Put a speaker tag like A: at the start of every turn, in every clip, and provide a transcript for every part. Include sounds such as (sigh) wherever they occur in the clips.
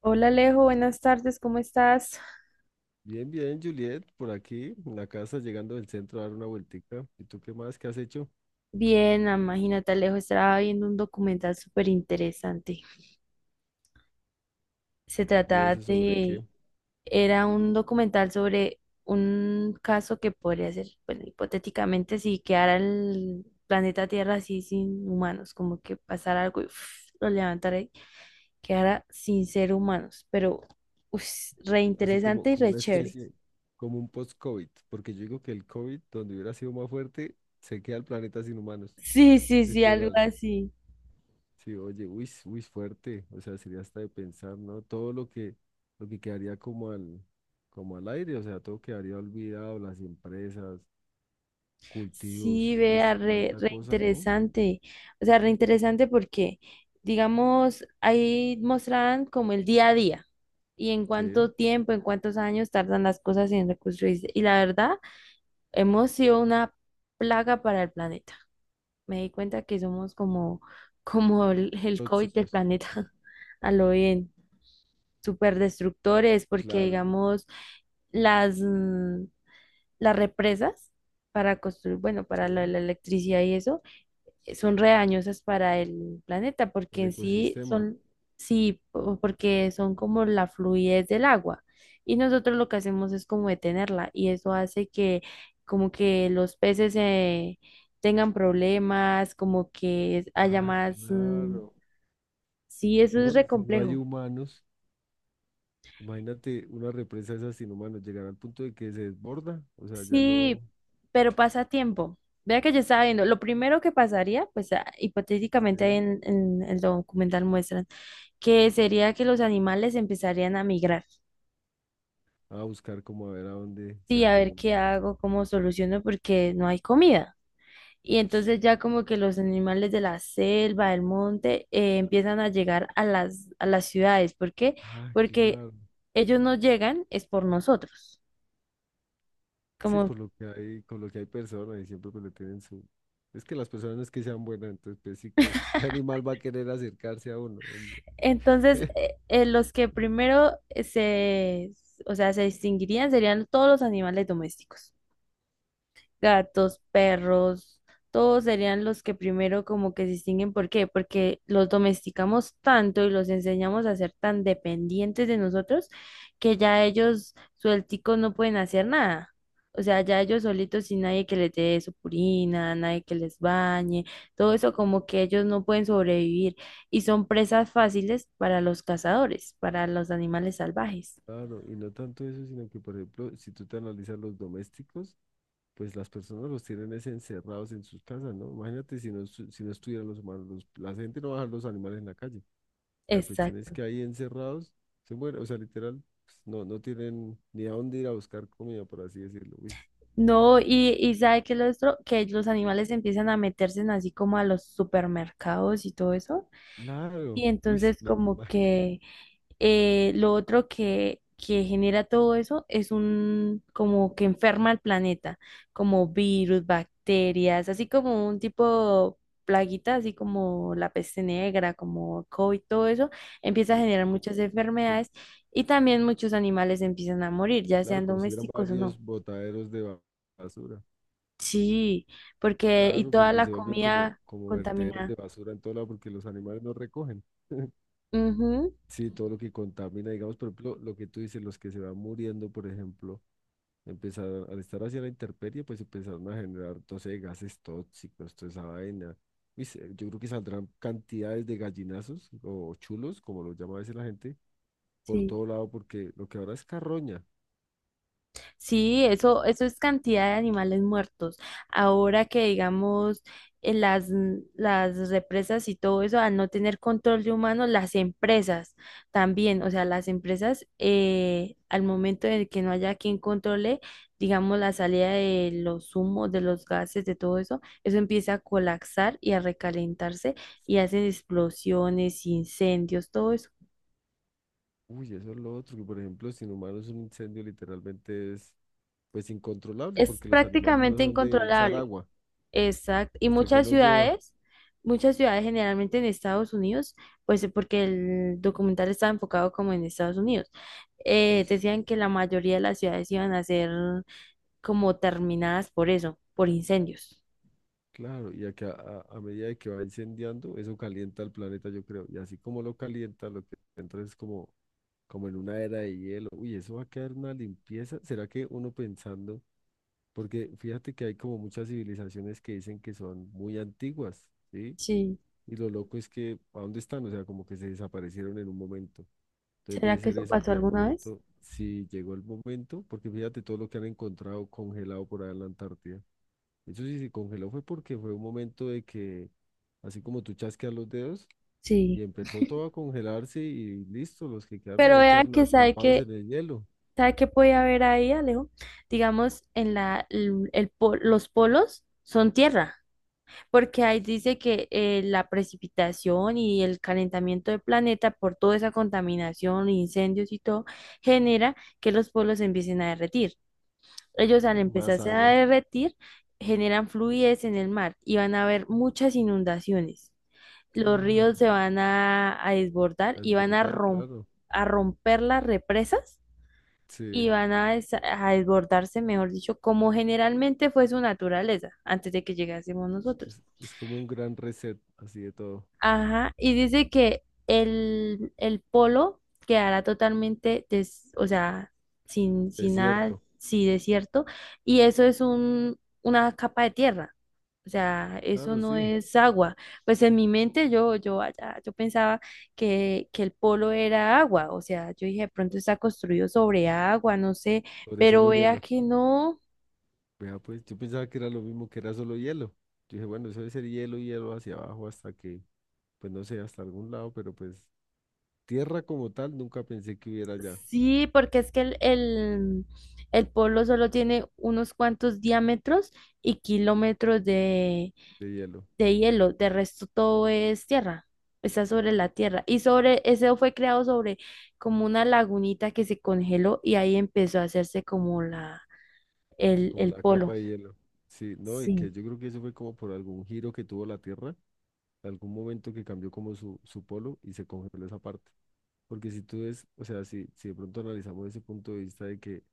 A: Hola Alejo, buenas tardes, ¿cómo estás?
B: Bien, bien, Juliet, por aquí, en la casa, llegando del centro a dar una vueltica. ¿Y tú qué más? ¿Qué has hecho?
A: Bien, imagínate Alejo, estaba viendo un documental súper interesante. Se
B: ¿Y
A: trataba
B: eso sobre
A: de,
B: qué?
A: era un documental sobre un caso que podría ser, bueno, hipotéticamente, si quedara el planeta Tierra así sin humanos, como que pasara algo y lo levantara y quedara sin ser humanos, pero uf, re
B: Así como,
A: interesante y
B: como
A: re
B: una
A: chévere.
B: especie, como un post-COVID, porque yo digo que el COVID, donde hubiera sido más fuerte, se queda el planeta sin humanos,
A: Sí, sí,
B: (laughs)
A: sí, algo
B: literal.
A: así.
B: Sí, oye, uy, uy, fuerte, o sea, sería hasta de pensar, ¿no? Lo que quedaría como al aire, o sea, todo quedaría olvidado, las empresas,
A: Sí,
B: cultivos, uy,
A: vea,
B: s-
A: re,
B: tanta
A: re
B: cosa, ¿no?
A: interesante. O sea, re interesante porque, digamos, ahí mostraban como el día a día y en
B: Sí,
A: cuánto tiempo, en cuántos años tardan las cosas en reconstruirse. Y la verdad, hemos sido una plaga para el planeta. Me di cuenta que somos como, (laughs) como el COVID del
B: tóxicos.
A: planeta, (laughs) a lo bien, súper destructores, porque,
B: Claro.
A: digamos, las, mm, las represas para construir, bueno, para la
B: Sí.
A: la electricidad y eso son re dañosas para el planeta,
B: El
A: porque en sí
B: ecosistema.
A: son, sí, porque son como la fluidez del agua. Y nosotros lo que hacemos es como detenerla, y eso hace que como que los peces tengan problemas, como que haya
B: Ah,
A: más,
B: claro.
A: sí, eso es
B: No, y
A: re
B: si no hay
A: complejo.
B: humanos, imagínate una represa de esas sin humanos, llegar al punto de que se desborda, o sea, ya
A: Sí,
B: no,
A: pero pasa a tiempo. Vea que yo estaba viendo, lo primero que pasaría, pues hipotéticamente ahí
B: ¿sí?
A: en el documental muestran, que sería que los animales empezarían a migrar.
B: A buscar como a ver a dónde se
A: Sí, a ver
B: acomoda.
A: qué hago, cómo soluciono, porque no hay comida. Y entonces ya como que los animales de la selva, del monte, empiezan a llegar a a las ciudades. ¿Por qué?
B: Ah,
A: Porque
B: claro.
A: ellos no llegan, es por nosotros.
B: Sí,
A: Como,
B: por lo que hay, con lo que hay personas y siempre pues le tienen su... Es que las personas no es que sean buenas, entonces pues sí, qué (laughs) animal va a querer acercarse a uno, hombre?
A: entonces,
B: (laughs)
A: los que primero o sea, se distinguirían serían todos los animales domésticos.
B: Ujú.
A: Gatos, perros, todos serían los que primero como que se distinguen. ¿Por qué? Porque los domesticamos tanto y los enseñamos a ser tan dependientes de nosotros que ya ellos suelticos no pueden hacer nada. O sea, ya ellos solitos sin nadie que les dé su purina, nadie que les bañe, todo eso como que ellos no pueden sobrevivir y son presas fáciles para los cazadores, para los animales salvajes.
B: Claro, y no tanto eso, sino que por ejemplo, si tú te analizas los domésticos, pues las personas los tienen es encerrados en sus casas, ¿no? Imagínate si no, si no estuvieran los humanos, la gente no va a dejar los animales en la calle. La cuestión es
A: Exacto.
B: que ahí encerrados se mueren, o sea, literal, pues, no, no tienen ni a dónde ir a buscar comida, por así decirlo. Uy,
A: No, y sabe que lo otro, que los animales empiezan a meterse en así como a los supermercados y todo eso.
B: claro,
A: Y
B: uy, (laughs)
A: entonces
B: me
A: como
B: imagino,
A: que lo otro que genera todo eso es un como que enferma al planeta, como virus, bacterias, así como un tipo plaguita, así como la peste negra, como COVID, todo eso, empieza a
B: como,
A: generar
B: como,
A: muchas
B: como-
A: enfermedades y también muchos animales empiezan a morir, ya
B: claro,
A: sean
B: como si hubieran
A: domésticos o no.
B: varios botaderos de basura.
A: Sí, porque y
B: Claro,
A: toda
B: porque
A: la
B: se vuelven como,
A: comida
B: como vertederos de
A: contaminada.
B: basura en todo lado porque los animales no recogen. (laughs)
A: Ujú,
B: Sí, todo lo que contamina, digamos, por ejemplo, lo que tú dices, los que se van muriendo, por ejemplo, empezaron, al estar hacia la intemperie, pues empezaron a generar, no sé, gases tóxicos, toda esa vaina. Y se- yo creo que saldrán cantidades de gallinazos o chulos, como lo llama a veces la gente, por
A: sí.
B: todo lado, porque lo que ahora es carroña.
A: Sí, eso es cantidad de animales muertos. Ahora que digamos las represas y todo eso, al no tener control de humanos, las empresas también, o sea, las empresas al momento de que no haya quien controle, digamos, la salida de los humos, de los gases, de todo eso, eso empieza a colapsar y a recalentarse y hacen explosiones, incendios, todo eso.
B: Uy, eso es lo otro, que por ejemplo, sin humanos un incendio literalmente es, pues, incontrolable,
A: Es
B: porque los animales no
A: prácticamente
B: son de echar
A: incontrolable.
B: agua
A: Exacto. Y
B: hasta que no llueva.
A: muchas ciudades generalmente en Estados Unidos, pues porque el documental estaba enfocado como en Estados Unidos,
B: Uy.
A: decían que la mayoría de las ciudades iban a ser como terminadas por eso, por incendios.
B: Claro, a medida de que va incendiando, eso calienta el planeta, yo creo. Y así como lo calienta, lo que entra es como en una era de hielo. Uy, eso va a quedar una limpieza. ¿Será que uno pensando? Porque fíjate que hay como muchas civilizaciones que dicen que son muy antiguas, ¿sí?
A: Sí,
B: Y lo loco es que, ¿a dónde están? O sea, como que se desaparecieron en un momento. Entonces
A: ¿será
B: debe
A: que
B: ser
A: eso
B: eso,
A: pasó
B: que de
A: alguna vez?
B: pronto, si llegó el momento, porque fíjate todo lo que han encontrado congelado por allá en la Antártida. Eso sí se congeló fue porque fue un momento de que, así como tú chasqueas los dedos,
A: Sí.
B: y empezó todo a congelarse y listo, los que quedaron
A: Pero
B: ahí
A: vean
B: quedaron
A: que sabe
B: atrapados
A: que,
B: en el hielo.
A: sabe que puede haber ahí, Alejo. Digamos, en la, el po- los polos son tierra. Porque ahí dice que la precipitación y el calentamiento del planeta por toda esa contaminación, incendios y todo, genera que los pueblos se empiecen a derretir. Ellos al
B: Más
A: empezarse a
B: agua,
A: derretir, generan fluidez en el mar y van a haber muchas inundaciones. Los
B: claro,
A: ríos se van a desbordar
B: a
A: y van
B: desbordar, claro.
A: a romper las represas y
B: Sí,
A: van a desbordarse, mejor dicho, como generalmente fue su naturaleza antes de que llegásemos nosotros.
B: es como un gran reset, así de todo.
A: Ajá, y dice que el polo quedará totalmente, o sea, sin nada,
B: Desierto,
A: sí, desierto, y eso es un, una capa de tierra, o sea, eso
B: claro,
A: no
B: sí,
A: es agua. Pues en mi mente yo pensaba que el polo era agua, o sea, yo dije, de pronto está construido sobre agua, no sé,
B: sobre
A: pero
B: solo
A: vea
B: hielo.
A: que no.
B: Vea, pues yo pensaba que era lo mismo, que era solo hielo. Yo dije, bueno, eso debe ser hielo, hielo hacia abajo hasta que, pues no sé, hasta algún lado, pero pues tierra como tal nunca pensé que hubiera ya
A: Sí, porque es que el polo solo tiene unos cuantos diámetros y kilómetros
B: de hielo.
A: de hielo, de resto todo es tierra, está sobre la tierra. Y sobre, ese fue creado sobre como una lagunita que se congeló y ahí empezó a hacerse como
B: Como
A: el
B: la
A: polo.
B: capa de hielo. Sí, no, y que
A: Sí.
B: yo creo que eso fue como por algún giro que tuvo la Tierra, algún momento que cambió como su polo y se congeló esa parte. Porque si tú ves, o sea, si de pronto analizamos ese punto de vista de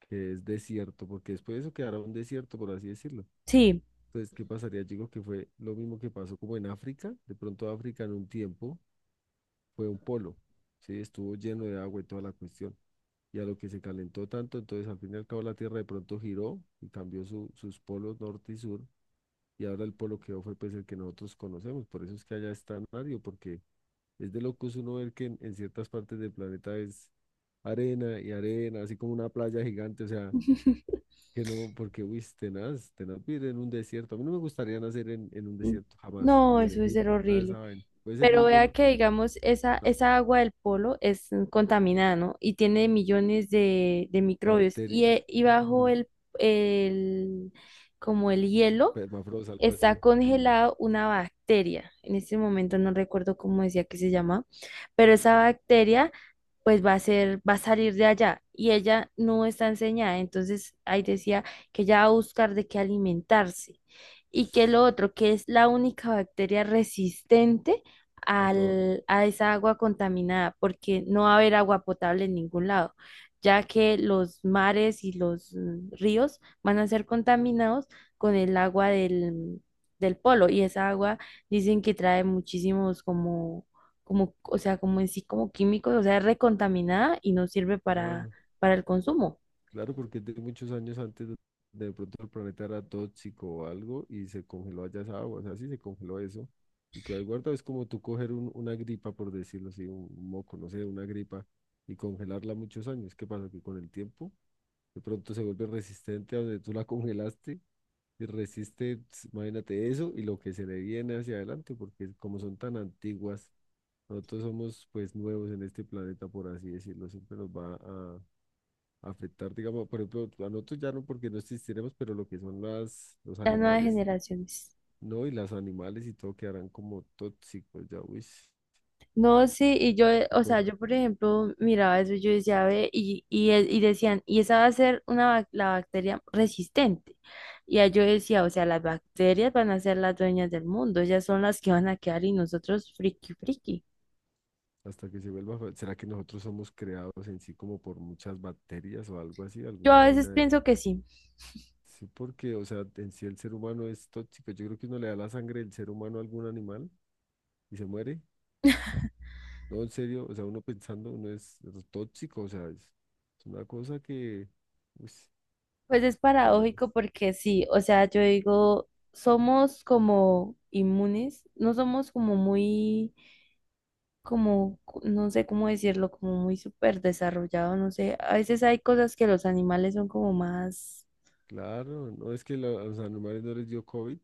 B: que es desierto, porque después de eso quedará un desierto, por así decirlo.
A: Sí,
B: Entonces, ¿qué pasaría? Yo digo que fue lo mismo que pasó como en África. De pronto África en un tiempo fue un polo, ¿sí? Estuvo lleno de agua y toda la cuestión. Y a lo que se calentó tanto, entonces al fin y al cabo la Tierra de pronto giró y cambió sus polos norte y sur y ahora el polo que fue pues el que nosotros conocemos, por eso es que allá está Mario, porque es de locos uno ver que en ciertas partes del planeta es arena y arena, así como una playa gigante, o sea, que no, porque uy, es tenaz, tenaz vivir en un desierto, a mí no me gustaría nacer en un
A: mm,
B: desierto jamás,
A: no,
B: ni en
A: eso es
B: Egipto,
A: ser
B: nada de esa
A: horrible.
B: vaina, puede ser muy
A: Pero vea
B: bonito,
A: que, digamos,
B: pero
A: esa,
B: no,
A: esa agua del polo es contaminada, ¿no? Y tiene millones de microbios.
B: bacterias,
A: Y bajo
B: mm,
A: el, como el hielo,
B: permafrost, algo
A: está
B: así, mm,
A: congelado una bacteria. En este momento no recuerdo cómo decía que se llama, pero esa bacteria pues va a ser, va a salir de allá y ella no está enseñada. Entonces ahí decía que ella va a buscar de qué alimentarse y que lo otro, que es la única bacteria resistente
B: a todo,
A: a esa agua contaminada, porque no va a haber agua potable en ningún lado, ya que los mares y los ríos van a ser contaminados con el agua del, del polo y esa agua dicen que trae muchísimos como, como, o sea, como en sí, como químicos, o sea, es recontaminada y no sirve
B: claro.
A: para el consumo.
B: Claro, porque de muchos años antes de pronto el planeta era tóxico o algo y se congeló allá esa agua, o sea, sí se congeló eso y quedó ahí guardado. Es como tú coger una gripa, por decirlo así, un moco, no sé, una gripa y congelarla muchos años. ¿Qué pasa? Que con el tiempo de pronto se vuelve resistente a donde tú la (laughs) congelaste y resiste, ps, imagínate eso y lo que se le viene hacia adelante, porque como son tan antiguas, nosotros somos pues nuevos en este planeta, por así decirlo, siempre nos va a afectar, digamos, por ejemplo, a nosotros ya no porque no existiremos, pero lo que son los
A: Las nuevas
B: animales,
A: generaciones.
B: ¿no? Y las animales y todo quedarán como tóxicos, ya, uy,
A: No, sí, y yo,
B: qué
A: o sea,
B: cosa,
A: yo por ejemplo miraba eso y yo decía, ve, y decían, y esa va a ser una, la bacteria resistente. Y ahí yo decía, o sea, las bacterias van a ser las dueñas del mundo, ellas son las que van a quedar y nosotros friki friki.
B: hasta que se vuelva, fa- ¿será que nosotros somos creados en sí como por muchas bacterias o algo así,
A: Yo
B: alguna
A: a veces
B: vaina de...
A: pienso que sí.
B: Sí, porque, o sea, en sí el ser humano es tóxico, yo creo que uno le da la sangre del ser humano a algún animal y se muere, no, en serio, o sea, uno pensando, uno es tóxico, o sea, es una cosa que, uy,
A: Pues es paradójico
B: tenaz.
A: porque sí, o sea, yo digo, somos como inmunes, no somos como muy, como, no sé cómo decirlo, como muy súper desarrollados, no sé, a veces hay cosas que los animales son como más.
B: Claro, no es que a los animales no les dio COVID.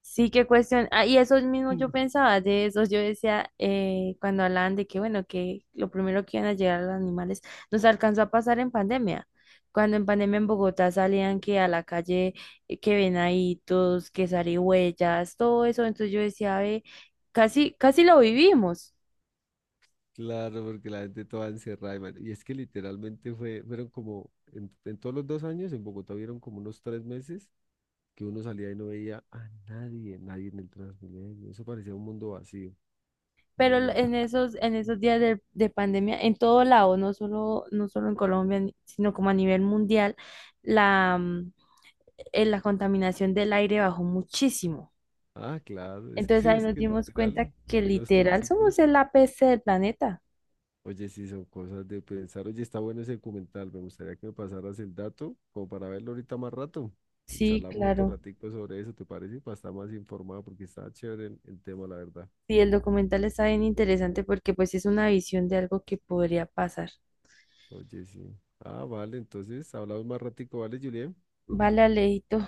A: Sí, qué cuestión. Ah, y eso mismo yo
B: Mm.
A: pensaba de eso. Yo decía, cuando hablaban de que, bueno, que lo primero que iban a llegar los animales, nos alcanzó a pasar en pandemia. Cuando en pandemia en Bogotá salían que a la calle, que venaditos, que zarigüeyas, todo eso. Entonces yo decía, ve, casi, casi lo vivimos.
B: Claro, porque la gente toda encerrada. Y y es que literalmente fueron como, en todos los 2 años en Bogotá vieron como unos 3 meses que uno salía y no veía a nadie, nadie en el Transmilenio. Eso parecía un mundo vacío.
A: Pero
B: Uno ya que-
A: en
B: sí.
A: esos días de pandemia, en todo lado, no solo, no solo en Colombia, sino como a nivel mundial, la, mm, la contaminación del aire bajó muchísimo.
B: Ah, claro, es que
A: Entonces
B: sí,
A: ahí
B: es
A: nos
B: que
A: dimos cuenta
B: literal,
A: que
B: aquí los
A: literal somos
B: tóxicos.
A: el APC del planeta.
B: Oye, sí, son cosas de pensar. Oye, está bueno ese documental. Me gustaría que me pasaras el dato como para verlo ahorita más rato. Y
A: Sí,
B: charlamos otro
A: claro.
B: ratico sobre eso, ¿te parece? Para estar más informado porque está chévere el tema, la verdad.
A: Sí, el documental está bien interesante porque pues es una visión de algo que podría pasar.
B: Oye, sí. Ah, vale, entonces hablamos más ratico, ¿vale, Julián?
A: Vale, Alejito,